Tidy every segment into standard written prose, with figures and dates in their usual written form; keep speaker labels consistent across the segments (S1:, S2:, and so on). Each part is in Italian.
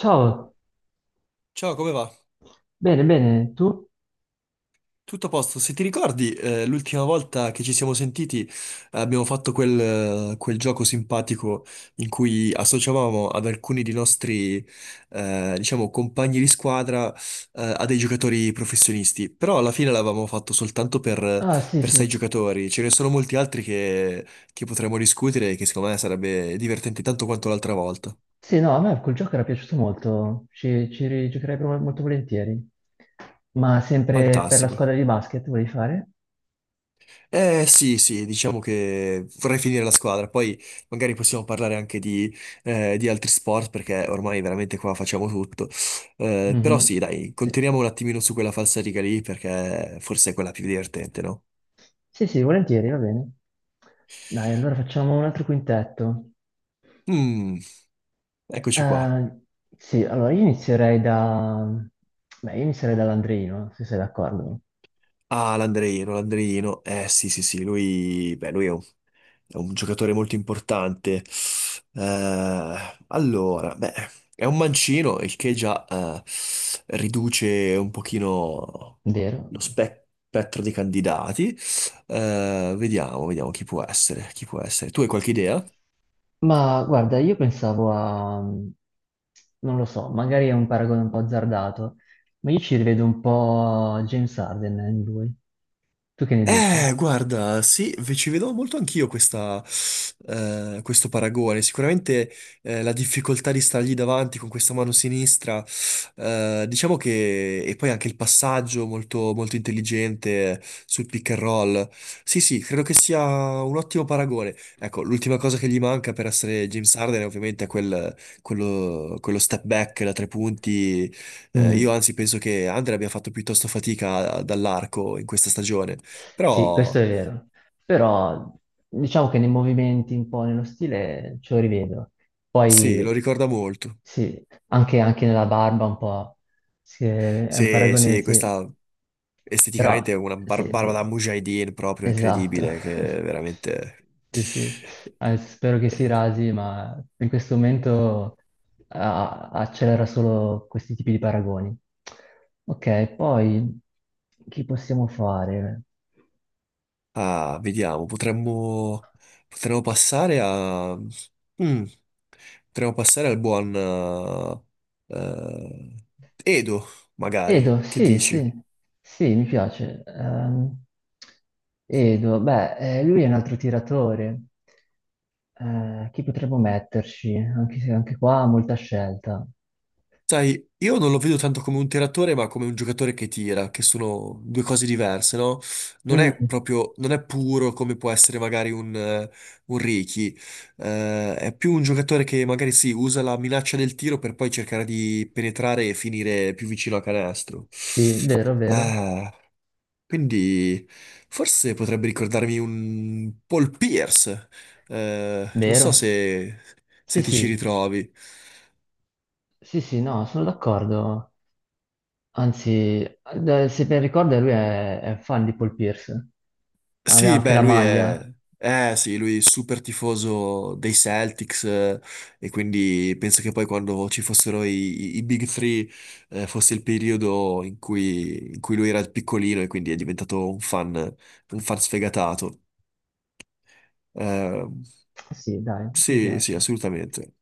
S1: Ciao,
S2: Ciao, come va?
S1: bene, bene, tu?
S2: Tutto a posto? Se ti ricordi, l'ultima volta che ci siamo sentiti abbiamo fatto quel gioco simpatico in cui associavamo ad alcuni dei nostri, diciamo, compagni di squadra, a dei giocatori professionisti. Però alla fine l'avevamo fatto soltanto per,
S1: Ah, sì,
S2: per sei
S1: sì,
S2: giocatori. Ce ne sono molti altri che potremmo discutere e che secondo me sarebbe divertente tanto quanto l'altra volta.
S1: sì, no, a me quel gioco era piaciuto molto, ci rigiocherei molto volentieri. Ma sempre per la
S2: Fantastico.
S1: squadra di basket vuoi fare?
S2: Eh sì, sì, diciamo che vorrei finire la squadra, poi magari possiamo parlare anche di altri sport perché ormai veramente qua facciamo tutto. Però sì,
S1: Mhm.
S2: dai,
S1: Sì.
S2: continuiamo un attimino su quella falsariga lì perché forse è quella più divertente, no?
S1: Sì, sì, volentieri, va bene. Dai, allora facciamo un altro quintetto.
S2: Mm, eccoci qua.
S1: Eh, sì, allora io inizierei Beh, io inizierei dall'Andreino, se sei d'accordo.
S2: Ah, l'Andreino, l'Andreino. Eh sì, sì, sì, lui, beh, è un giocatore molto importante. Eh, beh, è un mancino, il che già riduce un pochino
S1: Vero?
S2: spettro dei candidati. Vediamo, vediamo chi può essere, chi può essere. Tu hai qualche idea?
S1: Ma guarda, io pensavo a, non lo so, magari è un paragone un po' azzardato, ma io ci rivedo un po' James Harden in lui. Tu che ne dici?
S2: Guarda, sì, ci vedevo molto anch'io questo paragone. Sicuramente la difficoltà di stargli davanti con questa mano sinistra, diciamo che... E poi anche il passaggio molto, molto intelligente sul pick and roll. Sì, sì, credo che sia un ottimo paragone. Ecco, l'ultima cosa che gli manca per essere James Harden è ovviamente quello step back da tre punti. Io
S1: Mm.
S2: anzi penso che Andre abbia fatto piuttosto fatica dall'arco in questa stagione.
S1: Sì, questo
S2: Però
S1: è vero, però diciamo che nei movimenti, un po' nello stile, ce lo rivedo.
S2: sì, lo
S1: Poi
S2: ricorda molto.
S1: sì, anche nella barba un po', sì, è un
S2: Sì,
S1: paragone,
S2: sì,
S1: sì,
S2: questa
S1: però
S2: esteticamente è una
S1: sì,
S2: barba da
S1: sì.
S2: Mujahideen proprio
S1: Esatto.
S2: incredibile, che veramente...
S1: Sì, sì, spero che si
S2: Eh,
S1: rasi, ma in questo momento accelera solo questi tipi di paragoni. Ok, poi chi possiamo fare?
S2: ah, vediamo, potremmo passare a... Mm, potremmo passare al buon eh, Edo, magari.
S1: Edo,
S2: Che
S1: sì, sì,
S2: dici?
S1: sì, mi piace. Edo, beh, lui è un altro tiratore. Chi potremmo metterci? Anche, se- anche qua ha molta scelta.
S2: Sai, io non lo vedo tanto come un tiratore, ma come un giocatore che tira, che sono due cose diverse, no?
S1: Mm,
S2: Non è puro come può essere magari un Ricky. È più un giocatore che magari sì, usa la minaccia del tiro per poi cercare di penetrare e finire più vicino a canestro.
S1: sì, vero, vero,
S2: Ah, quindi forse potrebbe ricordarmi un Paul Pierce. Non so
S1: vero.
S2: se se
S1: Sì,
S2: ti ci
S1: sì,
S2: ritrovi.
S1: sì, sì, no, sono d'accordo. Anzi, se ben ricordo, lui è fan di Paul Pierce. Aveva
S2: Sì,
S1: anche
S2: beh,
S1: la
S2: lui è...
S1: maglia.
S2: Eh sì, lui è super tifoso dei Celtics e quindi penso che poi quando ci fossero i Big Three fosse il periodo in cui lui era piccolino e quindi è diventato un fan sfegatato. Eh,
S1: Sì, dai, mi
S2: sì, sì,
S1: piace.
S2: assolutamente.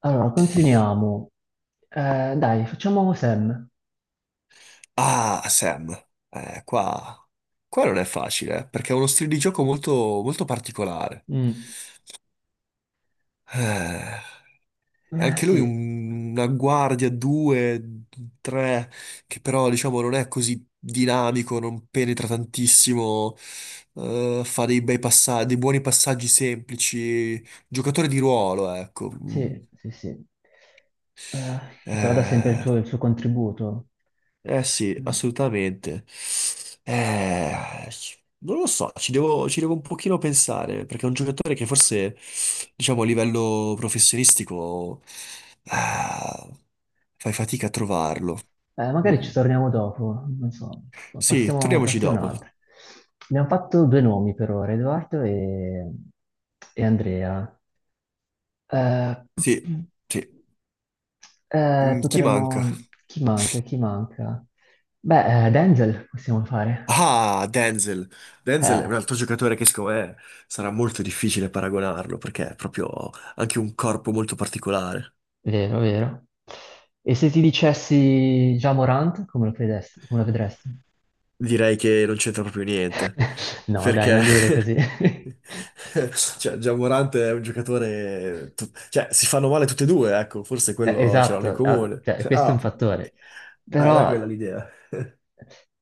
S1: Allora, continuiamo. Dai, facciamo Sam.
S2: Ah, Sam, eh, qua, qua non è facile perché è uno stile di gioco molto, molto particolare.
S1: Mm.
S2: Eh. E anche lui
S1: Sì,
S2: una guardia, due, tre, che però diciamo non è così dinamico, non penetra tantissimo, fa dei bei passaggi, dei buoni passaggi semplici, giocatore di ruolo, ecco. Mm.
S1: sì, sì, sì. Eh, che però dà sempre il
S2: Eh,
S1: suo, il suo contributo.
S2: eh sì,
S1: Mm.
S2: assolutamente. Eh, non lo so, ci devo un pochino pensare, perché è un giocatore che forse, diciamo, a livello professionistico, ah, fai fatica a trovarlo.
S1: Magari
S2: Mm.
S1: ci torniamo dopo, non so, ma
S2: Sì,
S1: passiamo,
S2: torniamoci
S1: passiamo a
S2: dopo.
S1: un'altra. Abbiamo fatto due nomi per ora, Edoardo e Andrea. Eh,
S2: Sì, sì. Mm, chi manca?
S1: Chi manca? Chi manca? Beh, Denzel possiamo fare.
S2: Ah, Denzel. Denzel è
S1: Eh,
S2: un altro giocatore che secondo me sarà molto difficile paragonarlo, perché è proprio anche un corpo molto particolare.
S1: vero, vero. E se ti dicessi già Morant, come lo vedresti? Come lo vedresti?
S2: Direi che non c'entra proprio niente,
S1: No, dai,
S2: perché
S1: non dire così.
S2: cioè, Gian Morante è un giocatore... Cioè, si fanno male tutti e due, ecco, forse quello ce l'hanno in
S1: Esatto,
S2: comune.
S1: cioè, questo è un fattore.
S2: Era quella
S1: Però,
S2: l'idea.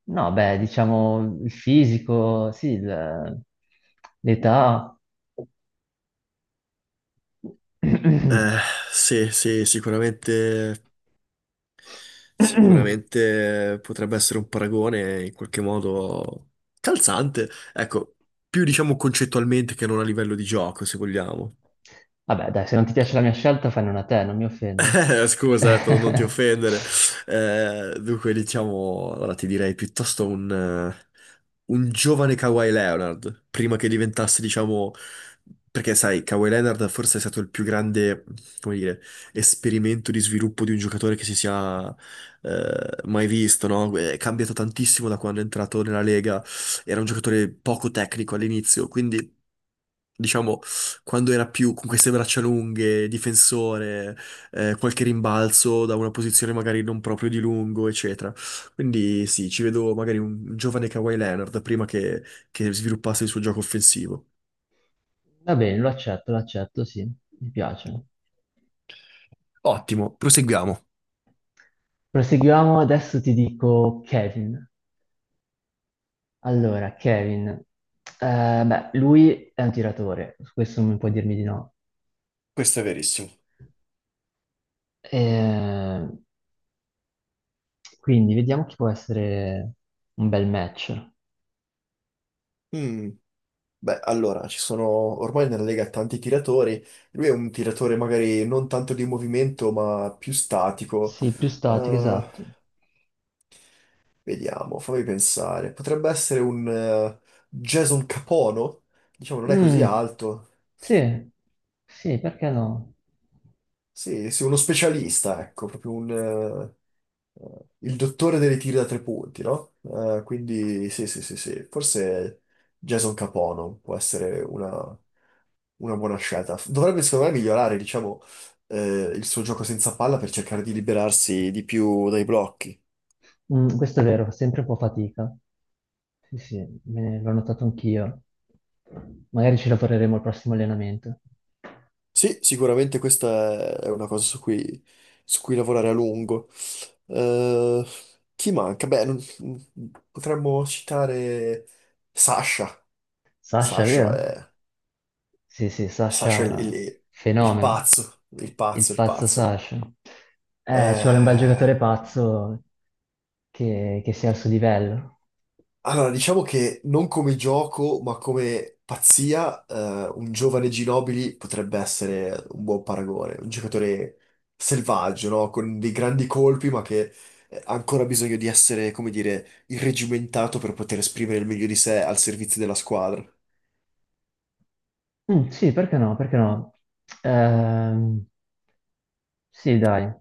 S1: no, beh, diciamo il fisico, sì, l'età.
S2: Eh, sì, sì, sicuramente, sicuramente potrebbe essere un paragone in qualche modo calzante, ecco, più diciamo concettualmente che non a livello di gioco, se vogliamo.
S1: Vabbè, dai, se non ti piace la mia scelta, fai una te, non mi offendo.
S2: Scusa, per non ti offendere. Dunque, diciamo, allora ti direi piuttosto un giovane Kawhi Leonard, prima che diventasse, diciamo, perché sai, Kawhi Leonard forse è stato il più grande, come dire, esperimento di sviluppo di un giocatore che si sia mai visto, no? È cambiato tantissimo da quando è entrato nella Lega, era un giocatore poco tecnico all'inizio, quindi diciamo, quando era più con queste braccia lunghe, difensore, qualche rimbalzo da una posizione magari non proprio di lungo, eccetera. Quindi sì, ci vedo magari un giovane Kawhi Leonard prima che sviluppasse il suo gioco offensivo.
S1: Va bene, lo accetto, sì, mi piace.
S2: Ottimo, proseguiamo.
S1: Proseguiamo, adesso ti dico Kevin. Allora, Kevin, beh, lui è un tiratore, su questo non puoi dirmi di no.
S2: Questo è verissimo.
S1: Eh, quindi vediamo chi può essere un bel match.
S2: Mm, beh, allora, ci sono ormai nella Lega tanti tiratori. Lui è un tiratore magari non tanto di movimento, ma più statico.
S1: Sì, più statico,
S2: Eh,
S1: esatto.
S2: vediamo, fammi pensare. Potrebbe essere un Jason Capono? Diciamo, non è così
S1: Mm,
S2: alto.
S1: sì, sì, perché no?
S2: Sì, sì, uno specialista, ecco, proprio il dottore dei tiri da tre punti, no? Quindi sì, sì, sì, sì, forse Jason Capono può essere una buona scelta. Dovrebbe, secondo me, migliorare, diciamo, il suo gioco senza palla per cercare di liberarsi di più dai blocchi.
S1: Mm, questo è vero, fa sempre un po' fatica. Sì, sì, l'ho notato anch'io. Magari ci lavoreremo al prossimo allenamento.
S2: Sì, sicuramente questa è una cosa su su cui lavorare a lungo. Eh, chi manca? Beh, potremmo citare Sasha.
S1: Sasha,
S2: Sasha
S1: vero?
S2: è,
S1: Sì, sì,
S2: Sasha è
S1: Sasha,
S2: il
S1: fenomeno.
S2: pazzo, il
S1: Il
S2: pazzo, il
S1: pazzo
S2: pazzo.
S1: Sasha. Ci vuole un bel giocatore
S2: Eh,
S1: pazzo che sia al suo livello.
S2: allora, diciamo che non come gioco, ma come pazzia, un giovane Ginobili potrebbe essere un buon paragone, un giocatore selvaggio, no? Con dei grandi colpi, ma che ha ancora bisogno di essere, come dire, irregimentato per poter esprimere il meglio di sé al servizio della squadra.
S1: Mm, sì, perché no? Perché no? Ehm, sì, dai.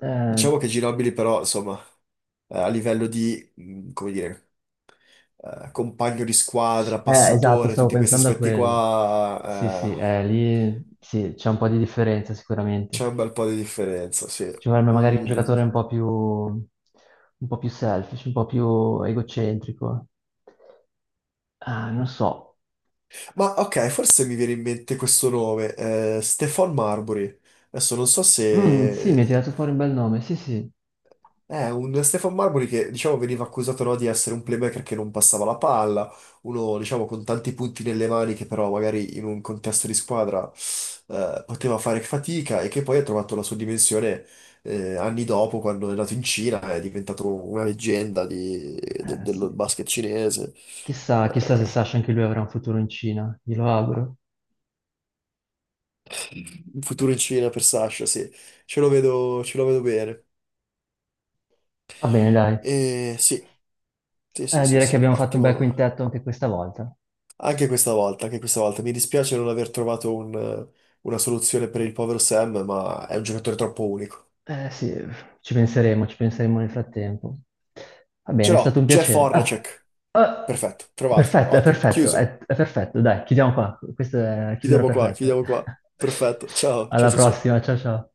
S1: Eh,
S2: Diciamo che Ginobili però, insomma, a livello di, come dire compagno di squadra,
S1: esatto,
S2: passatore,
S1: stavo
S2: tutti questi
S1: pensando a
S2: aspetti
S1: quello. Sì, sì,
S2: qua,
S1: lì sì, c'è un po' di differenza sicuramente.
S2: c'è un bel po' di differenza, sì.
S1: Ci vorrebbe magari un
S2: Mm,
S1: giocatore un po' più selfish, un po' più egocentrico. Ah, non so.
S2: ma ok, forse mi viene in mente questo nome, Stefan Marbury. Adesso non so
S1: Mm, sì, mi ha
S2: se
S1: tirato fuori un bel nome, sì, sì.
S2: eh, un Stefan Marbury che, diciamo, veniva accusato, no, di essere un playmaker che non passava la palla, uno, diciamo, con tanti punti nelle mani che però magari in un contesto di squadra poteva fare fatica e che poi ha trovato la sua dimensione anni dopo, quando è nato in Cina, è diventato una leggenda del
S1: Sì.
S2: basket cinese.
S1: Chissà, chissà se
S2: Eh,
S1: Sasha anche lui avrà un futuro in Cina, glielo auguro.
S2: il futuro in Cina per Sasha, sì, ce lo vedo bene.
S1: Va bene, dai.
S2: E sì, sì, sì,
S1: Eh,
S2: sì,
S1: direi che
S2: sì,
S1: abbiamo fatto un bel
S2: ottimo.
S1: quintetto anche questa volta.
S2: Anche questa volta, anche questa volta. Mi dispiace non aver trovato una soluzione per il povero Sam, ma è un giocatore troppo unico.
S1: Eh sì, ci penseremo nel frattempo. Va
S2: Ce
S1: bene, è
S2: l'ho,
S1: stato un
S2: Jeff
S1: piacere. Ah,
S2: Hornacek.
S1: ah,
S2: Perfetto, trovato,
S1: perfetto, è
S2: ottimo,
S1: perfetto,
S2: chiuso.
S1: è perfetto, dai, chiudiamo qua. Questa è la chiusura
S2: Chiudiamo qua,
S1: perfetta.
S2: chiudiamo qua. Perfetto, ciao, ciao,
S1: Alla
S2: ciao, ciao.
S1: prossima, ciao ciao.